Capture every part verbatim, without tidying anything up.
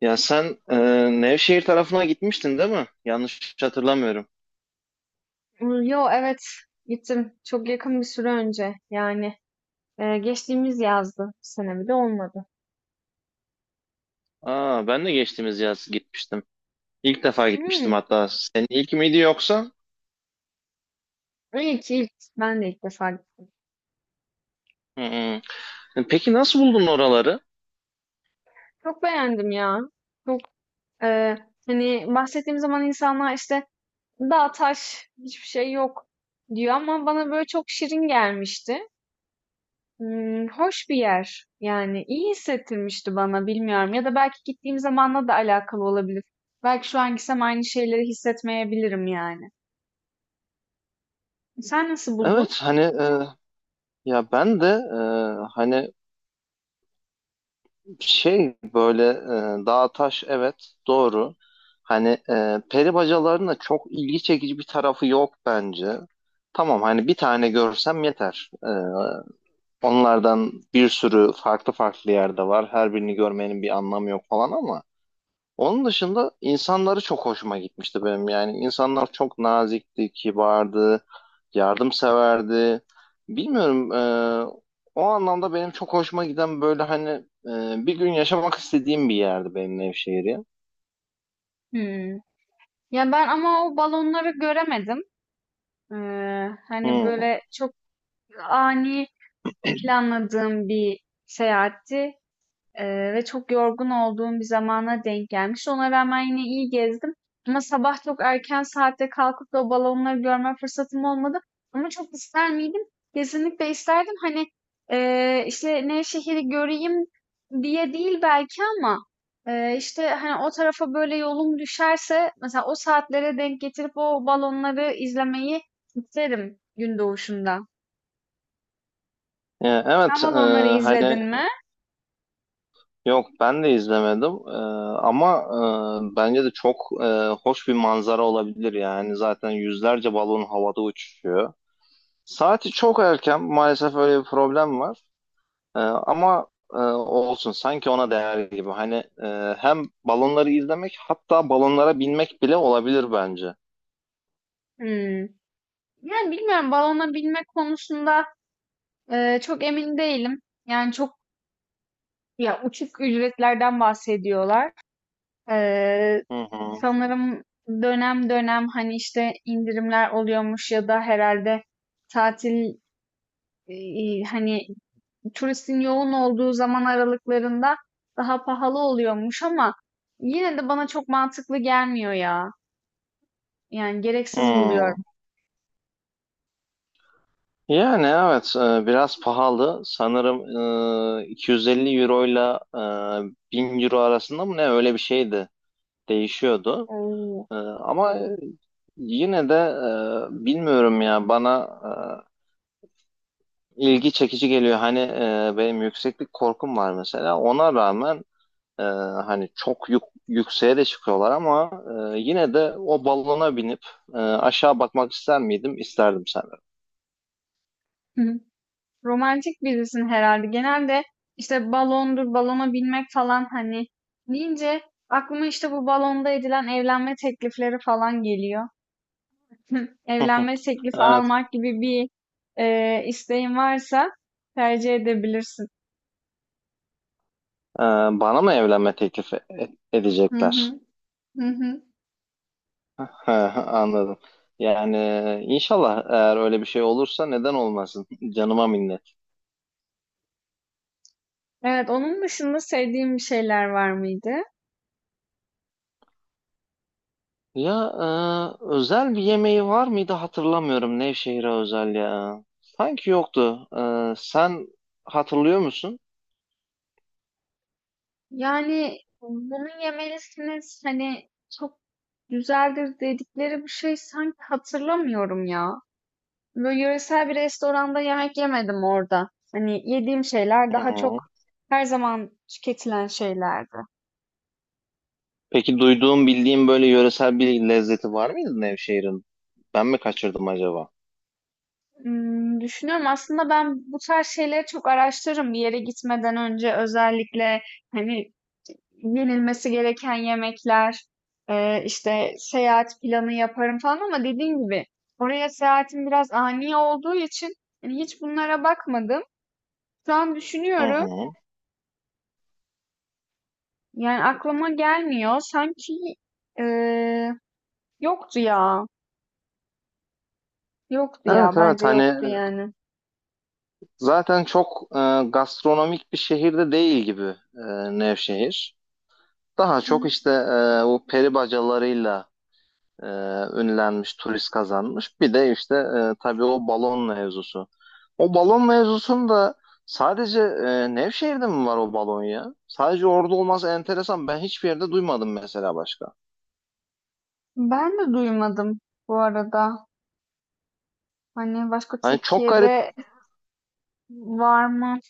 Ya sen e, Nevşehir tarafına gitmiştin değil mi? Yanlış hatırlamıyorum. Imm, yo, evet, gittim. Çok yakın bir süre önce. Yani, eee, geçtiğimiz yazdı. Bu sene bile olmadı. Aa ben de geçtiğimiz yaz gitmiştim. İlk defa gitmiştim Hımm. hatta. Senin ilk miydi yoksa? İlk, ilk. Ben de ilk defa gittim. Hı hı. Peki nasıl buldun oraları? Çok beğendim ya. Çok, eee, hani, bahsettiğim zaman insanlar, işte, "Dağ, taş, hiçbir şey yok." diyor ama bana, böyle, çok şirin gelmişti. Imm, hoş bir yer. Yani, iyi hissettirmişti bana, bilmiyorum ya da belki gittiğim zamanla da alakalı olabilir. Belki şu an gitsem aynı şeyleri hissetmeyebilirim yani. Sen nasıl buldun? Evet, hani e, ya ben de e, hani şey böyle e, dağ taş, evet, doğru. Hani e, peri bacalarının da çok ilgi çekici bir tarafı yok bence. Tamam, hani bir tane görsem yeter. E, Onlardan bir sürü farklı farklı yerde var. Her birini görmenin bir anlamı yok falan ama onun dışında insanları çok hoşuma gitmişti benim. Yani insanlar çok nazikti, kibardı, yardımseverdi. Bilmiyorum e, o anlamda benim çok hoşuma giden böyle hani e, bir gün yaşamak istediğim bir yerdi benim Nevşehir ya. Hımm. Ya, ben ama o balonları göremedim. Eee, hani, Hmm. böyle, çok ani planladığım bir seyahatti. Eee, ve çok yorgun olduğum bir zamana denk gelmiş. Ona rağmen yine iyi gezdim. Ama sabah çok erken saatte kalkıp da o balonları görme fırsatım olmadı. Ama çok ister miydim? Kesinlikle isterdim. Hani eee işte Nevşehir'i göreyim diye değil belki ama eee, işte hani o tarafa böyle yolum düşerse mesela o saatlere denk getirip o balonları izlemeyi isterim gün doğuşunda. E, Sen Evet. e, balonları izledin hani mi? yok, ben de izlemedim. Ee, ama e, bence de çok e, hoş bir manzara olabilir, yani zaten yüzlerce balon havada uçuşuyor. Saati çok erken maalesef, öyle bir problem var. Ee, ama e, olsun, sanki ona değer gibi. Hani e, hem balonları izlemek, hatta balonlara binmek bile olabilir bence. Hmm. Yani bilmiyorum, balona binme konusunda Eee, çok emin değilim. Yani çok ya uçuk ücretlerden bahsediyorlar. Eee, Hı hı. Sanırım dönem dönem hani işte indirimler oluyormuş ya da herhalde tatil eee, hani turistin yoğun olduğu zaman aralıklarında daha pahalı oluyormuş ama yine de bana çok mantıklı gelmiyor ya. Yani gereksiz Hmm. buluyorum. Yani evet e, biraz pahalı sanırım, e, iki yüz elli euro ile e, bin euro arasında mı, ne öyle bir şeydi, değişiyordu. Oo. Ee, ama yine de, e, bilmiyorum ya, bana e, ilgi çekici geliyor. Hani e, benim yükseklik korkum var mesela. Ona rağmen e, hani çok yük, yükseğe de çıkıyorlar ama e, yine de o balona binip e, aşağı bakmak ister miydim? İsterdim sanırım. Romantik birisin herhalde. Genelde işte balondur, balona binmek falan hani deyince aklıma işte bu balonda edilen evlenme teklifleri falan geliyor. Evlenme teklifi Evet. almak gibi bir e, isteğin varsa tercih edebilirsin. Ee, Bana mı evlenme teklif e- Hı edecekler? hı, hı hı. Anladım. Yani inşallah, eğer öyle bir şey olursa, neden olmasın? Canıma minnet. Evet, onun dışında sevdiğim bir şeyler var mıydı? Ya e, Özel bir yemeği var mıydı, hatırlamıyorum, Nevşehir'e özel ya. Sanki yoktu. E, sen hatırlıyor musun? Yani bunu yemelisiniz hani çok güzeldir dedikleri bir şey sanki hatırlamıyorum ya. Böyle yöresel bir restoranda yemek yemedim orada. Hani yediğim şeyler Hı daha çok hı. her zaman tüketilen şeylerdi. Peki duyduğum, bildiğim böyle yöresel bir lezzeti var mıydı Nevşehir'in? Ben mi kaçırdım acaba? Hmm, düşünüyorum aslında ben bu tarz şeyleri çok araştırırım bir yere gitmeden önce özellikle hani yenilmesi gereken yemekler, e, işte seyahat planı yaparım falan ama dediğim gibi oraya seyahatim biraz ani olduğu için hani hiç bunlara bakmadım. Şu an Hı düşünüyorum hı. yani aklıma gelmiyor. Sanki e, yoktu ya. Yoktu ya. Evet, evet, Bence hani yoktu yani. zaten çok e, gastronomik bir şehirde değil gibi e, Nevşehir. Daha çok Hı. işte e, o peri bacalarıyla e, ünlenmiş, turist kazanmış. Bir de işte e, tabii o balon mevzusu. O balon mevzusunda sadece e, Nevşehir'de mi var o balon ya? Sadece orada olması enteresan. Ben hiçbir yerde duymadım mesela başka. Ben de duymadım bu arada. Hani başka Hani çok garip. Türkiye'de var mı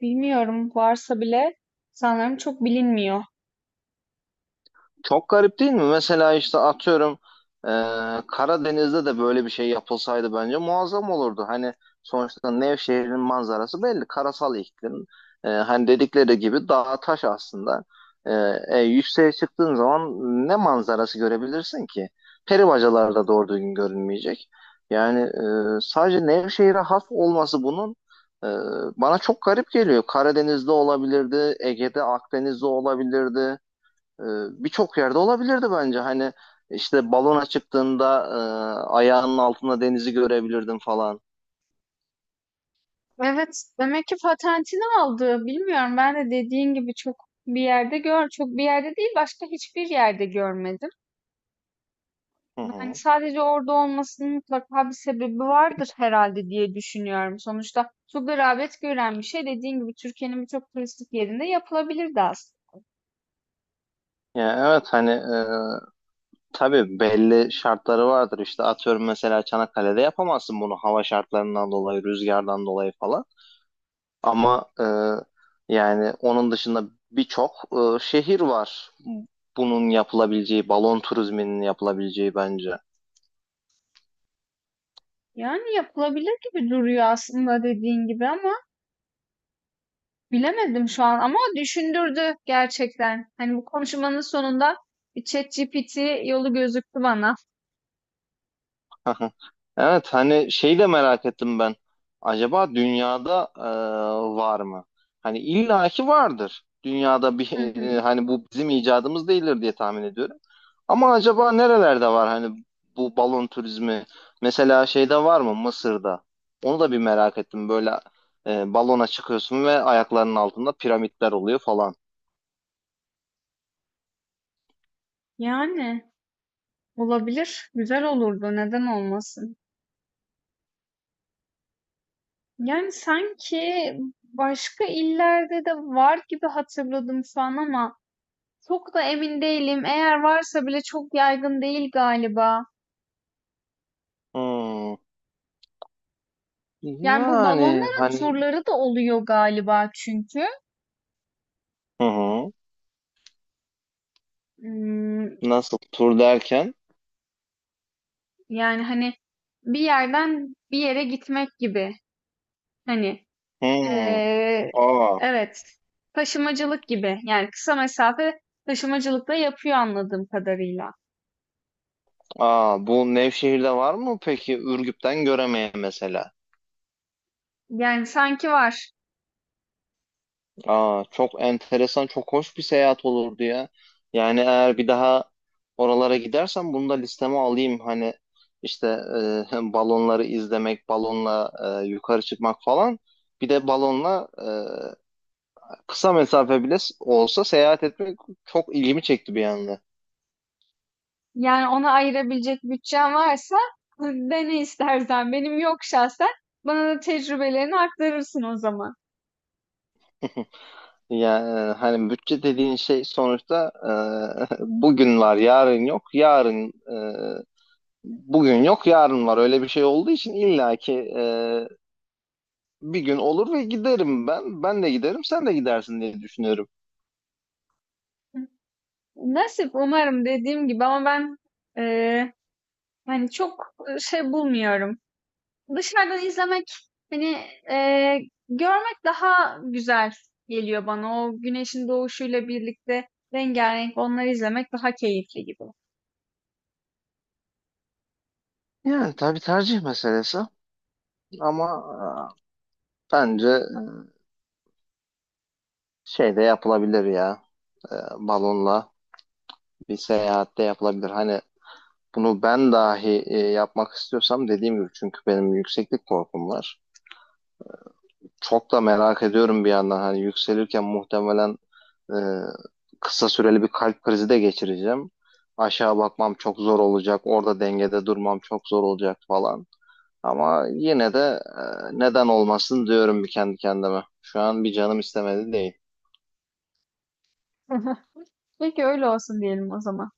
bilmiyorum. Varsa bile sanırım çok bilinmiyor. Çok garip değil mi? Mesela işte atıyorum, e, Karadeniz'de de böyle bir şey yapılsaydı bence muazzam olurdu. Hani sonuçta Nevşehir'in manzarası belli. Karasal iklim. E, hani dedikleri gibi dağ taş aslında. E, e, Yükseğe çıktığın zaman ne manzarası görebilirsin ki? Peri bacalar da doğru düzgün görünmeyecek. Yani e, sadece Nevşehir'e has olması bunun e, bana çok garip geliyor. Karadeniz'de olabilirdi, Ege'de, Akdeniz'de olabilirdi. Ee, Birçok yerde olabilirdi bence. Hani işte balona çıktığında e, ayağının altında denizi görebilirdin falan. Evet, demek ki patentini aldı. Bilmiyorum. Ben de dediğin gibi çok bir yerde gör, çok bir yerde değil, başka hiçbir yerde görmedim. Hı Hani hı. sadece orada olmasının mutlaka bir sebebi vardır herhalde diye düşünüyorum. Sonuçta çok da rağbet gören bir şey dediğin gibi Türkiye'nin birçok turistik yerinde yapılabilirdi aslında. Yani evet hani e, tabii belli şartları vardır. İşte atıyorum, mesela Çanakkale'de yapamazsın bunu, hava şartlarından dolayı, rüzgardan dolayı falan. Ama e, yani onun dışında birçok e, şehir var. Bunun yapılabileceği, balon turizminin yapılabileceği, bence. Yani yapılabilir gibi duruyor aslında dediğin gibi ama bilemedim şu an ama düşündürdü gerçekten. Hani bu konuşmanın sonunda bir çet ci pi ti yolu gözüktü bana. Aha. Evet, hani şeyi de merak ettim ben. Acaba dünyada e, var mı? Hani illaki vardır. Dünyada bir Hı hı. hani, bu bizim icadımız değildir diye tahmin ediyorum. Ama acaba nerelerde var, hani bu balon turizmi? Mesela şeyde var mı, Mısır'da? Onu da bir merak ettim. Böyle e, balona çıkıyorsun ve ayaklarının altında piramitler oluyor falan. Yani olabilir, güzel olurdu, neden olmasın? Yani sanki başka illerde de var gibi hatırladım şu an ama çok da emin değilim. Eğer varsa bile çok yaygın değil galiba. Hmm. Yani bu Yani balonların hani, turları da oluyor galiba çünkü. hı hı. Hmm, Nasıl tur derken? Yani hani bir yerden bir yere gitmek gibi. Hani Hmm. eee, Aa. evet taşımacılık gibi. Yani kısa mesafe taşımacılık da yapıyor anladığım kadarıyla. Aa, bu Nevşehir'de var mı peki, Ürgüp'ten Göreme'ye mesela? Yani sanki var. Aa, çok enteresan, çok hoş bir seyahat olurdu ya. Yani eğer bir daha oralara gidersem, bunu da listeme alayım. Hani işte e, balonları izlemek, balonla e, yukarı çıkmak falan. Bir de balonla e, kısa mesafe bile olsa seyahat etmek çok ilgimi çekti bir anda. Yani ona ayırabilecek bütçen varsa dene istersen. Benim yok şahsen. Bana da tecrübelerini aktarırsın o zaman. Yani hani bütçe dediğin şey sonuçta e, bugün var, yarın yok. Yarın e, Bugün yok, yarın var, öyle bir şey olduğu için illaki e, bir gün olur ve giderim ben. Ben de giderim, sen de gidersin diye düşünüyorum. Nasip umarım dediğim gibi ama ben eee, hani çok şey bulmuyorum. Dışarıdan izlemek hani eee, görmek daha güzel geliyor bana. O güneşin doğuşuyla birlikte rengarenk onları izlemek daha keyifli gibi. Yani tabii tercih meselesi, ama e, bence şey de yapılabilir ya e, balonla bir seyahat de yapılabilir. Hani bunu ben dahi e, yapmak istiyorsam, dediğim gibi, çünkü benim yükseklik korkum var. Çok da merak ediyorum bir yandan, hani yükselirken muhtemelen Ee, kısa süreli bir kalp krizi de geçireceğim. Aşağı bakmam çok zor olacak. Orada dengede durmam çok zor olacak falan. Ama yine de, e, neden olmasın diyorum bir kendi kendime. Şu an bir canım istemedi değil. Peki öyle olsun diyelim o zaman.